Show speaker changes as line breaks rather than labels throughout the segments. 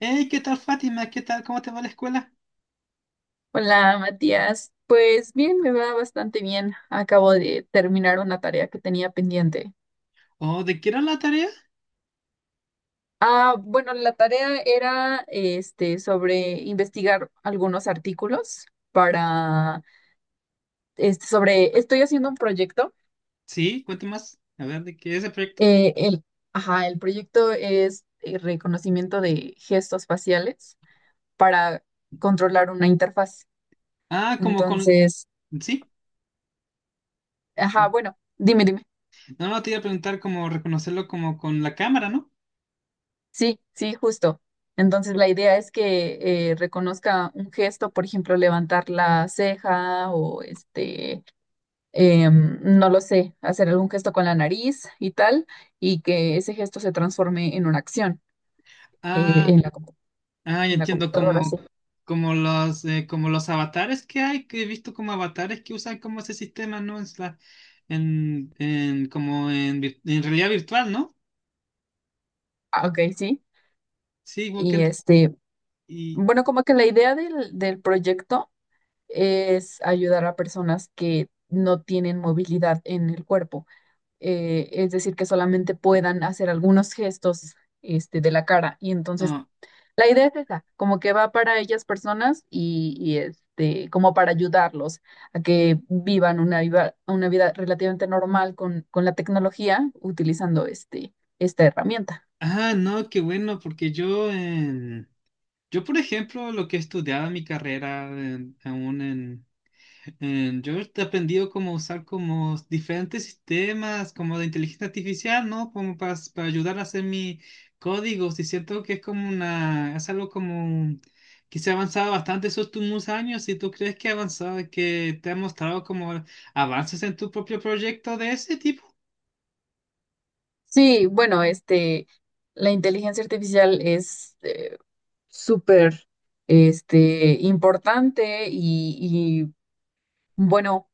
Hey, ¿qué tal, Fátima? ¿Qué tal? ¿Cómo te va la escuela?
Hola, Matías. Pues bien, me va bastante bien. Acabo de terminar una tarea que tenía pendiente.
¿O de qué era la tarea?
Ah, bueno, la tarea era sobre investigar algunos artículos para este sobre estoy haciendo un proyecto.
Sí, cuéntame más. A ver, ¿de qué es el proyecto?
Eh, el, ajá, el proyecto es reconocimiento de gestos faciales para controlar una interfaz.
Ah, como con...
Entonces,
Sí.
ajá, bueno, dime.
No, no, te iba a preguntar cómo reconocerlo como con la cámara, ¿no?
Sí, sí, justo. Entonces la idea es que reconozca un gesto, por ejemplo, levantar la ceja no lo sé, hacer algún gesto con la nariz y tal, y que ese gesto se transforme en una acción eh,
Ah,
en la, compu-
ah, ya
en la
entiendo,
computadora, sí.
como, como los avatares que hay, que he visto como avatares que usan como ese sistema, ¿no? En como en, en realidad virtual, ¿no?
Ah, ok, sí.
Sí, igual que
Y
en-
este,
y,
bueno, como que la idea del proyecto es ayudar a personas que no tienen movilidad en el cuerpo. Es decir, que solamente puedan hacer algunos gestos este, de la cara. Y entonces,
ah,
la idea es esa, como que va para ellas personas y este, como para ayudarlos a que una vida relativamente normal con la tecnología utilizando este, esta herramienta.
ah, no, qué bueno, porque yo, por ejemplo, lo que he estudiado en mi carrera, yo he aprendido cómo usar como diferentes sistemas, como de inteligencia artificial, ¿no? Como para ayudar a hacer mis códigos. Y siento que es como es algo como que se ha avanzado bastante esos últimos años. ¿Y tú crees que ha avanzado, que te ha mostrado como avances en tu propio proyecto de ese tipo?
Sí, bueno, este, la inteligencia artificial es súper este, importante y, bueno,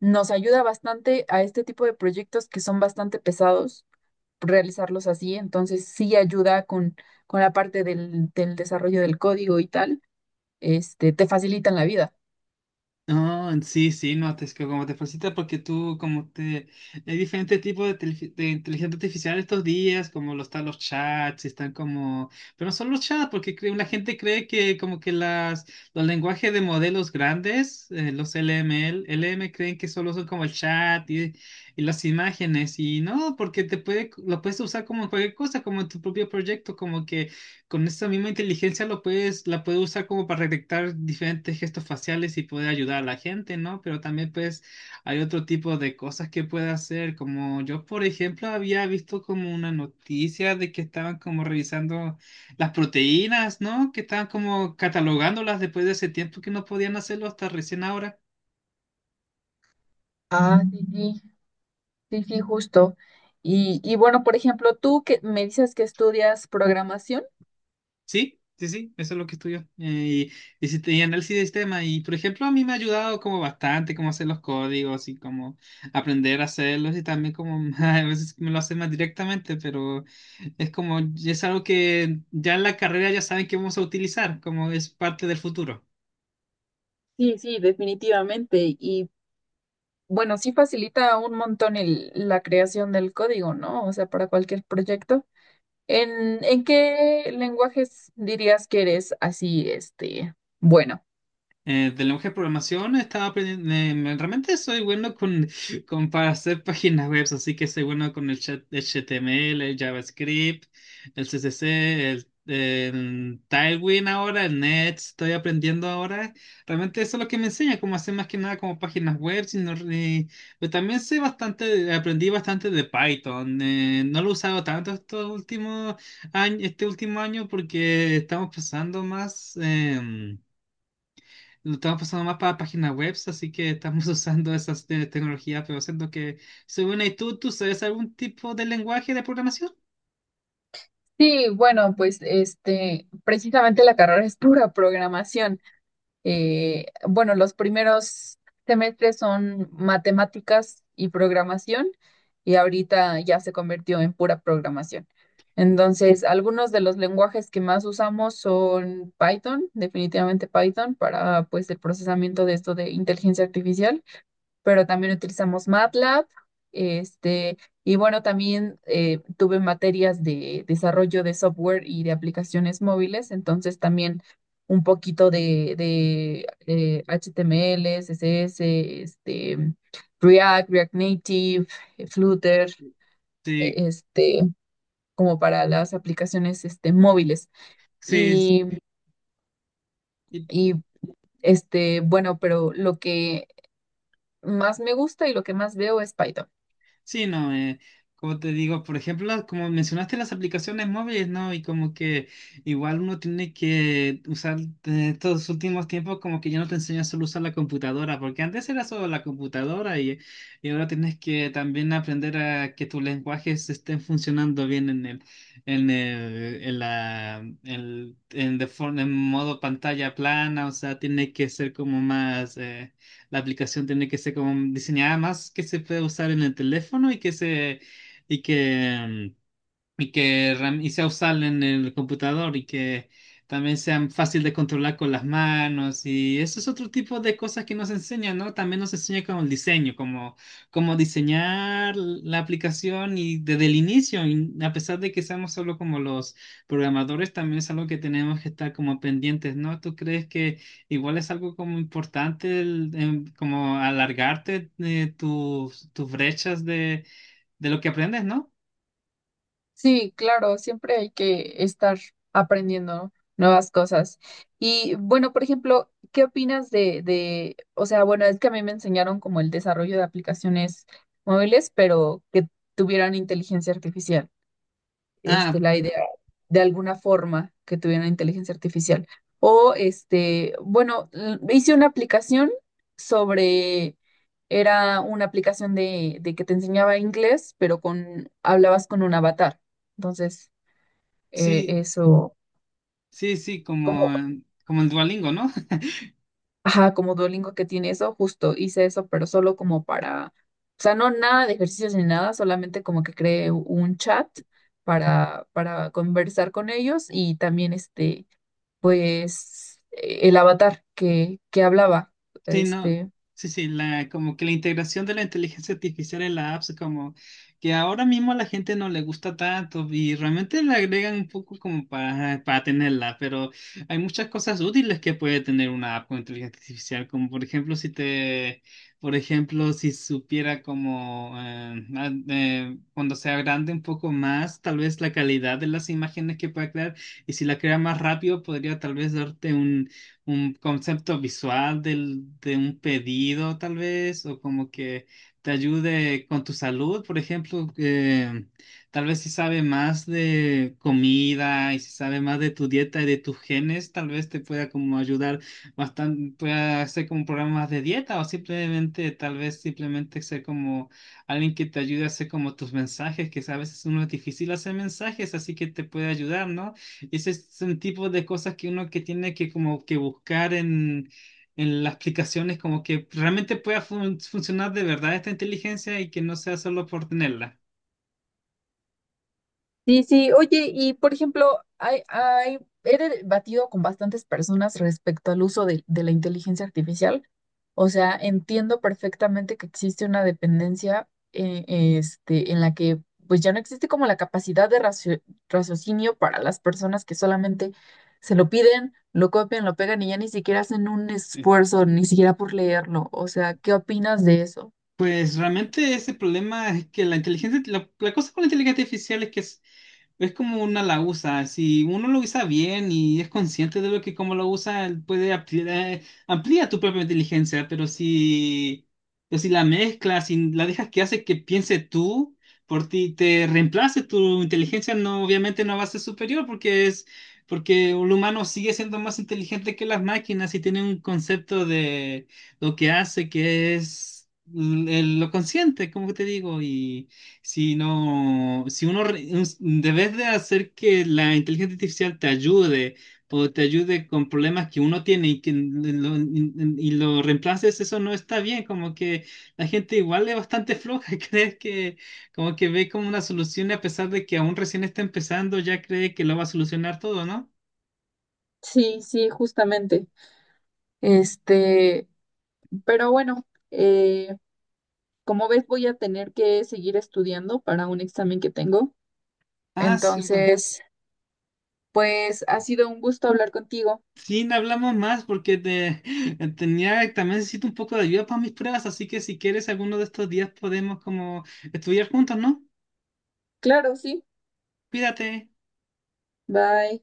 nos ayuda bastante a este tipo de proyectos que son bastante pesados realizarlos así, entonces sí ayuda con la parte del desarrollo del código y tal, este, te facilitan la vida.
Ah, sí, sí, no, te, es que como te facilita porque tú, como te, hay diferentes tipos de, de inteligencia artificial estos días, como lo están los chats, están como, pero no son los chats, porque la gente cree que como que los lenguajes de modelos grandes, los LML, LM creen que solo son como el chat y las imágenes, y no, porque te puede, lo puedes usar como en cualquier cosa, como en tu propio proyecto, como que con esa misma inteligencia lo puedes, la puedes usar como para detectar diferentes gestos faciales y poder ayudar a la gente, ¿no? Pero también pues hay otro tipo de cosas que puede hacer, como yo por ejemplo había visto como una noticia de que estaban como revisando las proteínas, ¿no? Que estaban como catalogándolas después de ese tiempo que no podían hacerlo hasta recién ahora.
Ah, sí, sí, sí, sí, justo. Y bueno, por ejemplo, tú que me dices que estudias programación.
Sí, sí, sí, eso es lo que estudió. Y si tenía análisis de sistema, y por ejemplo, a mí me ha ayudado como bastante cómo hacer los códigos y cómo aprender a hacerlos y también como a veces me lo hacen más directamente, pero es como, es algo que ya en la carrera ya saben que vamos a utilizar, como es parte del futuro.
Sí, sí, definitivamente. Y bueno, sí facilita un montón la creación del código, ¿no? O sea, para cualquier proyecto. ¿En qué lenguajes dirías que eres así, este, bueno?
De lenguaje de programación estaba aprendiendo, realmente soy bueno con para hacer páginas web, así que soy bueno con el HTML, el JavaScript, el CSS, el Tailwind ahora, el Next, estoy aprendiendo ahora. Realmente eso es lo que me enseña, cómo hacer más que nada como páginas web, sino, pero también sé bastante, aprendí bastante de Python. No lo he usado tanto estos últimos años, este último año porque estamos pasando más... lo estamos pasando más para páginas web, así que estamos usando esas tecnologías, pero siento que, según ahí tú, ¿tú sabes algún tipo de lenguaje de programación?
Sí, bueno, pues este, precisamente la carrera es pura programación. Bueno, los primeros semestres son matemáticas y programación, y ahorita ya se convirtió en pura programación. Entonces, algunos de los lenguajes que más usamos son Python, definitivamente Python, para pues el procesamiento de esto de inteligencia artificial. Pero también utilizamos MATLAB. Este, y bueno, también tuve materias de desarrollo de software y de aplicaciones móviles, entonces también un poquito de HTML, CSS, este, React, React Native, Flutter, eh,
Sí,
este, como para las aplicaciones este, móviles.
sí.
Y, y bueno, pero lo que más me gusta y lo que más veo es Python.
Sí, no, como te digo, por ejemplo, como mencionaste las aplicaciones móviles, ¿no? Y como que igual uno tiene que usar de estos últimos tiempos como que ya no te enseñan solo a usar la computadora, porque antes era solo la computadora y ahora tienes que también aprender a que tus lenguajes estén funcionando bien en el, en el, en la, en, en modo pantalla plana, o sea, tiene que ser como más... la aplicación tiene que ser como diseñada más que se puede usar en el teléfono y que se, y que, mm, y que ram- y sea usable en el computador y que también sea fácil de controlar con las manos y eso es otro tipo de cosas que nos enseñan, ¿no? También nos enseña con el diseño, como cómo diseñar la aplicación y desde el inicio, y a pesar de que seamos solo como los programadores, también es algo que tenemos que estar como pendientes, ¿no? ¿Tú crees que igual es algo como importante como alargarte tus, tus brechas de lo que aprendes, ¿no?
Sí, claro, siempre hay que estar aprendiendo nuevas cosas. Y bueno, por ejemplo, ¿qué opinas o sea, bueno, es que a mí me enseñaron como el desarrollo de aplicaciones móviles, pero que tuvieran inteligencia artificial? Este,
Ah,
la idea de alguna forma que tuviera inteligencia artificial. O, este, bueno, hice una aplicación sobre, era una aplicación de que te enseñaba inglés, pero con, hablabas con un avatar. Entonces, eh,
sí,
eso,
sí, sí, como,
como,
como el Duolingo, ¿no?
ajá, como Duolingo que tiene eso, justo hice eso, pero solo como para, o sea, no nada de ejercicios ni nada, solamente como que creé un chat para conversar con ellos y también este pues el avatar que hablaba.
Sí, no,
Este,
sí, sí, la, como que la integración de la inteligencia artificial en la apps, como que ahora mismo a la gente no le gusta tanto y realmente le agregan un poco como para tenerla, pero hay muchas cosas útiles que puede tener una app con inteligencia artificial, como por ejemplo si te, por ejemplo, si supiera como cuando se agrande un poco más, tal vez la calidad de las imágenes que pueda crear y si la crea más rápido podría tal vez darte un concepto visual del, de un pedido, tal vez, o como que te ayude con tu salud, por ejemplo, que tal vez si sabe más de comida y si sabe más de tu dieta y de tus genes, tal vez te pueda como ayudar bastante, pueda hacer como programas de dieta o simplemente, tal vez simplemente ser como alguien que te ayude a hacer como tus mensajes, que a veces uno es difícil hacer mensajes, así que te puede ayudar, ¿no? Ese es un tipo de cosas que uno que tiene que como que buscar en las aplicaciones, como que realmente pueda funcionar de verdad esta inteligencia y que no sea solo por tenerla.
sí, sí, oye, y por ejemplo, he debatido con bastantes personas respecto al uso de la inteligencia artificial. O sea, entiendo perfectamente que existe una dependencia este, en la que pues ya no existe como la capacidad de raciocinio para las personas que solamente se lo piden, lo copian, lo pegan y ya ni siquiera hacen un
Eh,
esfuerzo, ni siquiera por leerlo. O sea, ¿qué opinas de eso?
Pues realmente ese problema es que la inteligencia, la cosa con la inteligencia artificial es que es como una la usa, si uno lo usa bien y es consciente de lo que como lo usa, él puede ampliar, amplía tu propia inteligencia, pero si la mezclas, si la dejas que hace que piense tú por ti, te reemplace tu inteligencia, no, obviamente no va a ser superior porque es, porque el humano sigue siendo más inteligente que las máquinas y tiene un concepto de lo que hace que es lo consciente, como te digo, y si no, si uno re- un- debes de hacer que la inteligencia artificial te ayude o te ayude con problemas que uno tiene y que lo reemplaces, eso no está bien. Como que la gente igual es bastante floja, crees que como que ve como una solución y a pesar de que aún recién está empezando, ya cree que lo va a solucionar todo, ¿no?
Sí, sí, justamente. Este, pero bueno, eh, como ves, voy a tener que seguir estudiando para un examen que tengo.
Ah, cierto.
Entonces, pues ha sido un gusto hablar contigo.
Sí, no hablamos más porque te, tenía, también necesito un poco de ayuda para mis pruebas, así que si quieres alguno de estos días podemos como estudiar juntos, ¿no?
Claro, sí.
Cuídate.
Bye.